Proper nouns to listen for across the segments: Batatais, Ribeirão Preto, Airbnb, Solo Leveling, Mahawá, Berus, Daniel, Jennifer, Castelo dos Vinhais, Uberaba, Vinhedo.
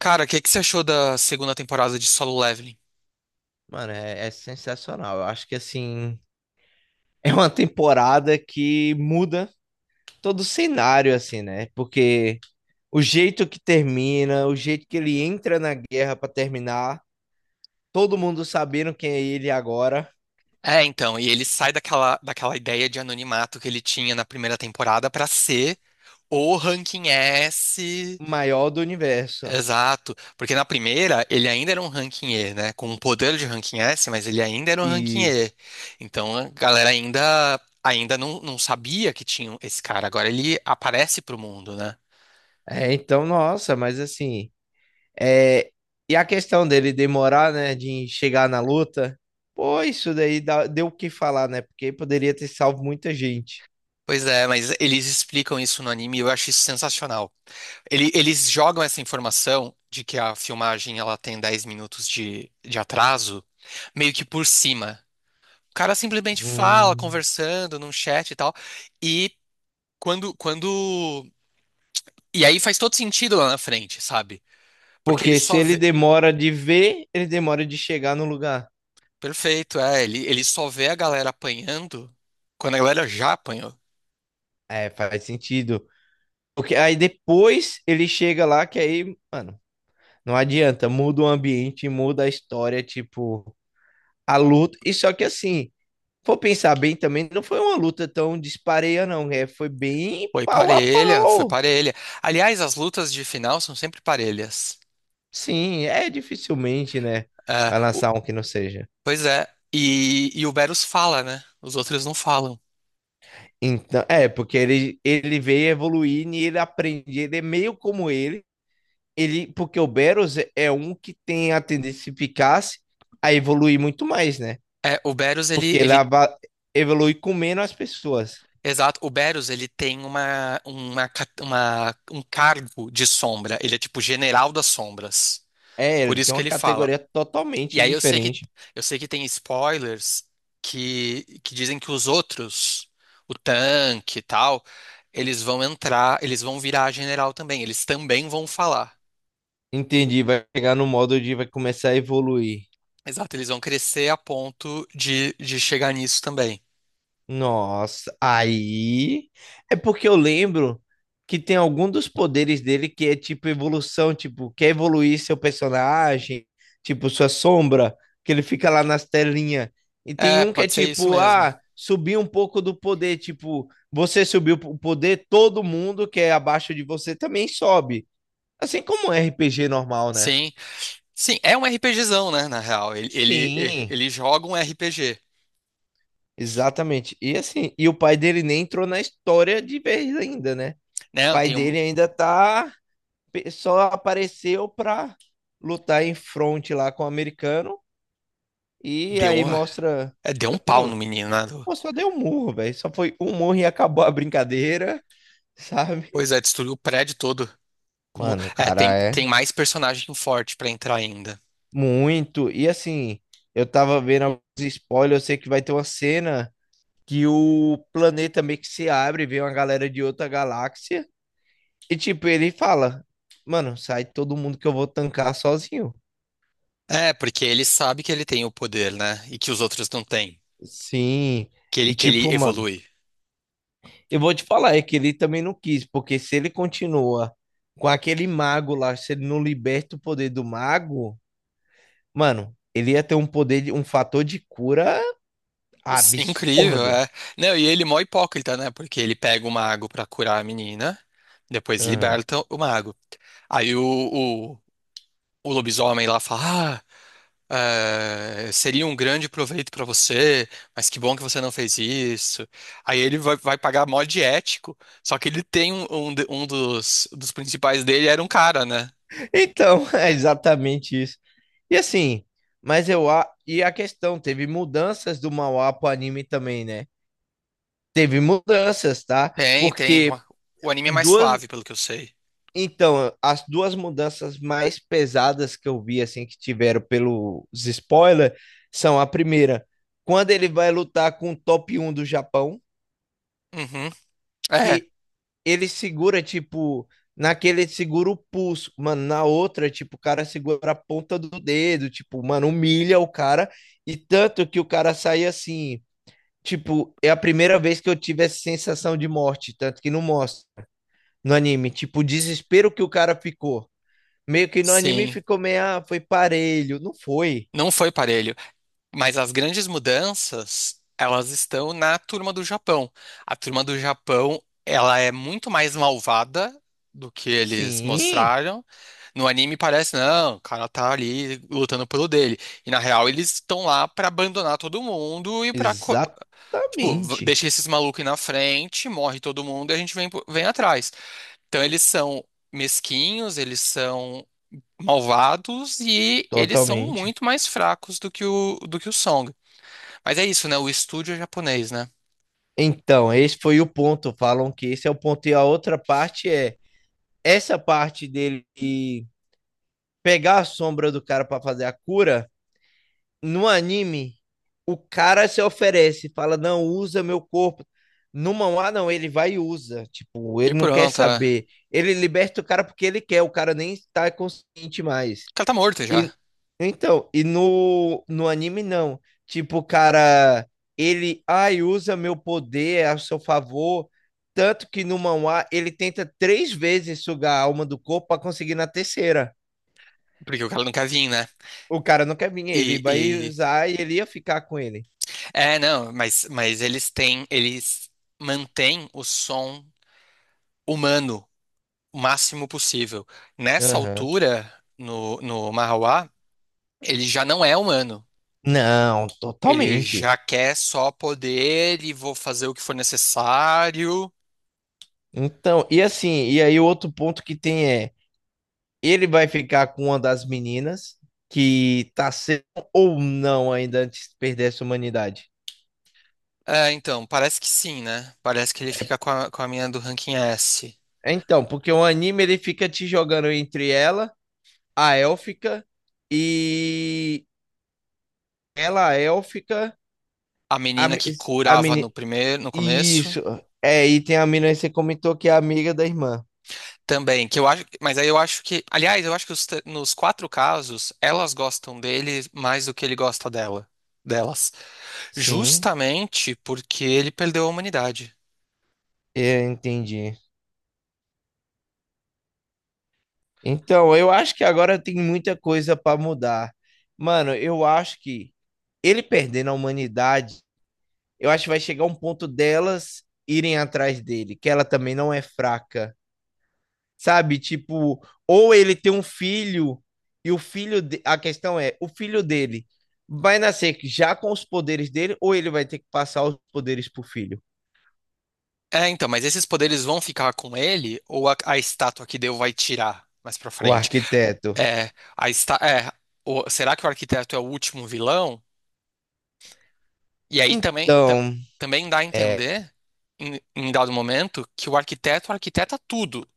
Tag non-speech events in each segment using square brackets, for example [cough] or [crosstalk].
Cara, o que que você achou da segunda temporada de Solo Leveling? Mano, é sensacional. Eu acho que assim [laughs] é uma temporada que muda todo o cenário, assim, né? Porque o jeito que termina, o jeito que ele entra na guerra pra terminar, todo mundo sabendo quem é ele agora, É, então, e ele sai daquela ideia de anonimato que ele tinha na primeira temporada pra ser o ranking S. o maior do universo. Exato, porque na primeira ele ainda era um ranking E, né? Com o poder de ranking S, mas ele ainda era um ranking E E. Então a galera ainda não sabia que tinha esse cara. Agora ele aparece pro mundo, né? é, então, nossa, mas assim, é, e a questão dele demorar, né, de chegar na luta, pô, isso daí deu o que falar, né? Porque poderia ter salvo muita gente. Pois é, mas eles explicam isso no anime e eu acho isso sensacional. Eles jogam essa informação de que a filmagem ela tem 10 minutos de atraso, meio que por cima. O cara simplesmente fala, Hum. conversando num chat e tal. E quando... E aí faz todo sentido lá na frente, sabe? Porque ele Porque se só ele vê... demora de ver, ele demora de chegar no lugar. Perfeito, é. Ele só vê a galera apanhando quando a galera já apanhou. É, faz sentido. Porque aí depois ele chega lá, que aí, mano, não adianta. Muda o ambiente, muda a história, tipo, a luta. E só que assim, for pensar bem também, não foi uma luta tão dispareia, não. É, foi bem Foi pau a parelha, foi pau. parelha. Aliás, as lutas de final são sempre parelhas. Sim, é dificilmente, né? É, Vai lançar um que não seja. pois é. E o Berus fala, né? Os outros não falam. Então, é, porque ele veio evoluir e ele aprende. Ele é meio como ele, porque o Beros é um que tem a tendência, se ficasse, a evoluir muito mais, né? É, o Berus, Porque ele evolui com menos as pessoas. exato, o Berus, ele tem um cargo de sombra, ele é tipo general das sombras, É, por ele isso tem que uma ele fala. categoria E totalmente aí eu sei que, diferente. eu sei que tem spoilers que dizem que os outros, o tanque e tal, eles vão entrar, eles vão virar general também, eles também vão falar. Entendi, vai chegar no modo de vai começar a evoluir. Exato, eles vão crescer a ponto de chegar nisso também. Nossa, aí é porque eu lembro que tem algum dos poderes dele que é tipo evolução, tipo, quer evoluir seu personagem, tipo sua sombra, que ele fica lá nas telinhas. E tem É, um que é pode ser isso tipo, mesmo. ah, subir um pouco do poder, tipo, você subiu o poder, todo mundo que é abaixo de você também sobe. Assim como um RPG normal, né? Sim. Sim, é um RPGzão, né, na real. Ele, ele, Sim, ele joga um RPG, exatamente. E assim, e o pai dele nem entrou na história de vez ainda, né? né? Pai Tem um, dele ainda tá. Só apareceu pra lutar em fronte lá com o americano. E deu aí um, mostra. é, deu um [laughs] pau Não, no menino, né? Pô, só deu um murro, velho. Só foi um murro e acabou a brincadeira, [laughs] sabe? Pois é, destruiu o prédio todo. Como, Mano, o é, tem, cara tem é mais personagem forte pra entrar ainda. muito. E assim, eu tava vendo alguns spoilers. Eu sei que vai ter uma cena que o planeta meio que se abre, vem uma galera de outra galáxia. E tipo, ele fala: Mano, sai todo mundo que eu vou tancar sozinho. É, porque ele sabe que ele tem o poder, né? E que os outros não têm. Sim, Que ele, e que ele tipo, mano, evolui. eu vou te falar, é que ele também não quis, porque se ele continua com aquele mago lá, se ele não liberta o poder do mago, mano, ele ia ter um poder, um fator de cura Sim, incrível, absurdo. é. Não, e ele é mó hipócrita, né? Porque ele pega o mago pra curar a menina, depois Aham. liberta o mago. Aí o, o lobisomem lá fala, ah, seria um grande proveito para você, mas que bom que você não fez isso. Aí ele vai pagar mó de ético, só que ele tem um dos principais dele era um cara, né? Então, [laughs] é exatamente isso. E assim, mas eu, e a questão, teve mudanças do manhwa pro anime também, né? Teve mudanças, tá? Tem, tem. Porque O anime é mais duas, suave, pelo que eu sei. então, as duas mudanças mais pesadas que eu vi, assim, que tiveram pelos spoilers, são a primeira, quando ele vai lutar com o top um do Japão, Uhum. É, que ele segura, tipo, naquele ele segura o pulso, mano, na outra, tipo, o cara segura a ponta do dedo, tipo, mano, humilha o cara, e tanto que o cara sai assim, tipo, é a primeira vez que eu tive essa sensação de morte, tanto que não mostra no anime, tipo, o desespero que o cara ficou. Meio que no anime sim. ficou meio, ah, foi parelho. Não foi. Não foi parelho. Mas as grandes mudanças, elas estão na turma do Japão. A turma do Japão, ela é muito mais malvada do que eles Sim, mostraram. No anime parece, não, o cara tá ali lutando pelo dele. E na real, eles estão lá pra abandonar todo mundo e tipo, exatamente. deixa esses malucos aí na frente, morre todo mundo e a gente vem, vem atrás. Então eles são mesquinhos, eles são malvados e eles são Totalmente. muito mais fracos do que o Song. Mas é isso, né? O estúdio é japonês, né? Então, esse foi o ponto. Falam que esse é o ponto. E a outra parte é essa parte dele de pegar a sombra do cara pra fazer a cura. No anime, o cara se oferece, fala: Não, usa meu corpo. No mangá, não, ele vai e usa. Tipo, E ele não quer pronto, saber. Ele liberta o cara porque ele quer. O cara nem está consciente mais. o cara tá morto já. E, então, e no anime não. Tipo, o cara, ele, ai, usa meu poder a seu favor. Tanto que no manhwa ele tenta 3 vezes sugar a alma do corpo pra conseguir na terceira. Porque o cara não quer vir, né? O cara não quer vir, ele E, vai e- usar e ele ia ficar com ele. é, não, mas eles têm. Eles mantêm o som humano o máximo possível. Nessa Aham. altura, no Mahawá, ele já não é humano. Não, Ele totalmente. já quer só poder e vou fazer o que for necessário. Então, e assim, e aí o outro ponto que tem é, ele vai ficar com uma das meninas que tá sendo ou não ainda antes de perder essa humanidade. É, então, parece que sim, né? Parece que ele fica com a mina do ranking S. É, então, porque o anime ele fica te jogando entre ela, a élfica, e ela, a élfica, A a, menina me- que a curava no menina. primeiro, no começo, Isso. É, e tem a menina que você comentou que é amiga da irmã. também, que eu acho, mas aí eu acho que, aliás, eu acho que nos quatro casos, elas gostam dele mais do que ele gosta dela, delas, Sim, justamente porque ele perdeu a humanidade. eu entendi. Então, eu acho que agora tem muita coisa para mudar. Mano, eu acho que ele perdendo a humanidade, eu acho que vai chegar um ponto delas irem atrás dele, que ela também não é fraca. Sabe? Tipo, ou ele tem um filho e o filho de... a questão é, o filho dele vai nascer já com os poderes dele ou ele vai ter que passar os poderes pro filho, É, então, mas esses poderes vão ficar com ele ou a estátua que deu vai tirar mais pra o frente? arquiteto. É, a esta, é, o- será que o arquiteto é o último vilão? E aí também, Então, também dá a é, entender, em dado momento, que o arquiteto arquiteta tudo,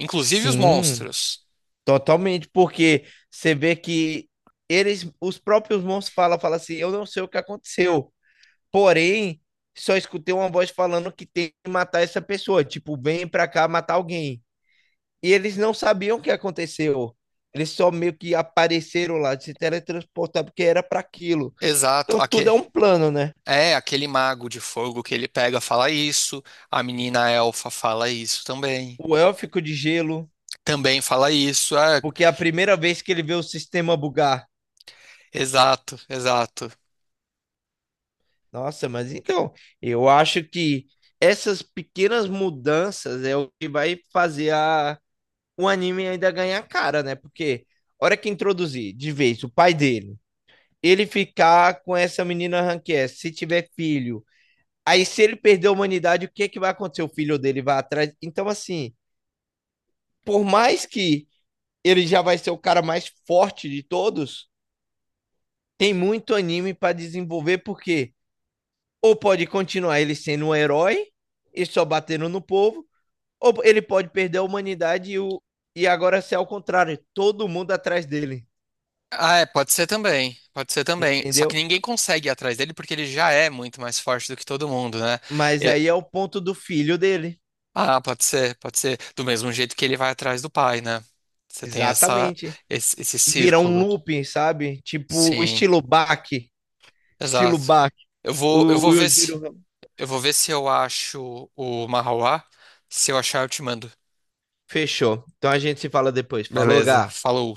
inclusive os sim, monstros. totalmente, porque você vê que eles, os próprios monstros falam, falam assim, eu não sei o que aconteceu, porém, só escutei uma voz falando que tem que matar essa pessoa, tipo, vem pra cá matar alguém. E eles não sabiam o que aconteceu. Eles só meio que apareceram lá, se teletransportaram, porque era para aquilo. Exato, Então tudo é um plano, né? é aquele mago de fogo que ele pega fala isso, a menina elfa fala isso também. O élfico de gelo, Também fala isso, é, porque é a primeira vez que ele vê o sistema bugar. exato, exato. Nossa, mas então, eu acho que essas pequenas mudanças é o que vai fazer a, o anime ainda ganhar cara, né? Porque a hora que introduzir de vez o pai dele, ele ficar com essa menina Rank S, se tiver filho, aí, se ele perder a humanidade, o que é que vai acontecer? O filho dele vai atrás. Então, assim, por mais que ele já vai ser o cara mais forte de todos, tem muito anime pra desenvolver, porque ou pode continuar ele sendo um herói e só batendo no povo, ou ele pode perder a humanidade e, o... e agora ser ao contrário, todo mundo atrás dele, Ah, é, pode ser também, pode ser também. Só que entendeu? ninguém consegue ir atrás dele porque ele já é muito mais forte do que todo mundo, né? Mas aí é o ponto do filho dele. Ah, pode ser, pode ser. Do mesmo jeito que ele vai atrás do pai, né? Você tem essa, Exatamente. esse Virar um círculo. looping, sabe? Tipo, Sim, estilo Bach. Estilo exato. Bach. Eu vou, eu O vou Will ver se, Giro eu vou ver se eu acho o Mahauá. Se eu achar, eu te mando. fechou. Então a gente se fala depois. Falou, Beleza, Gá. falou.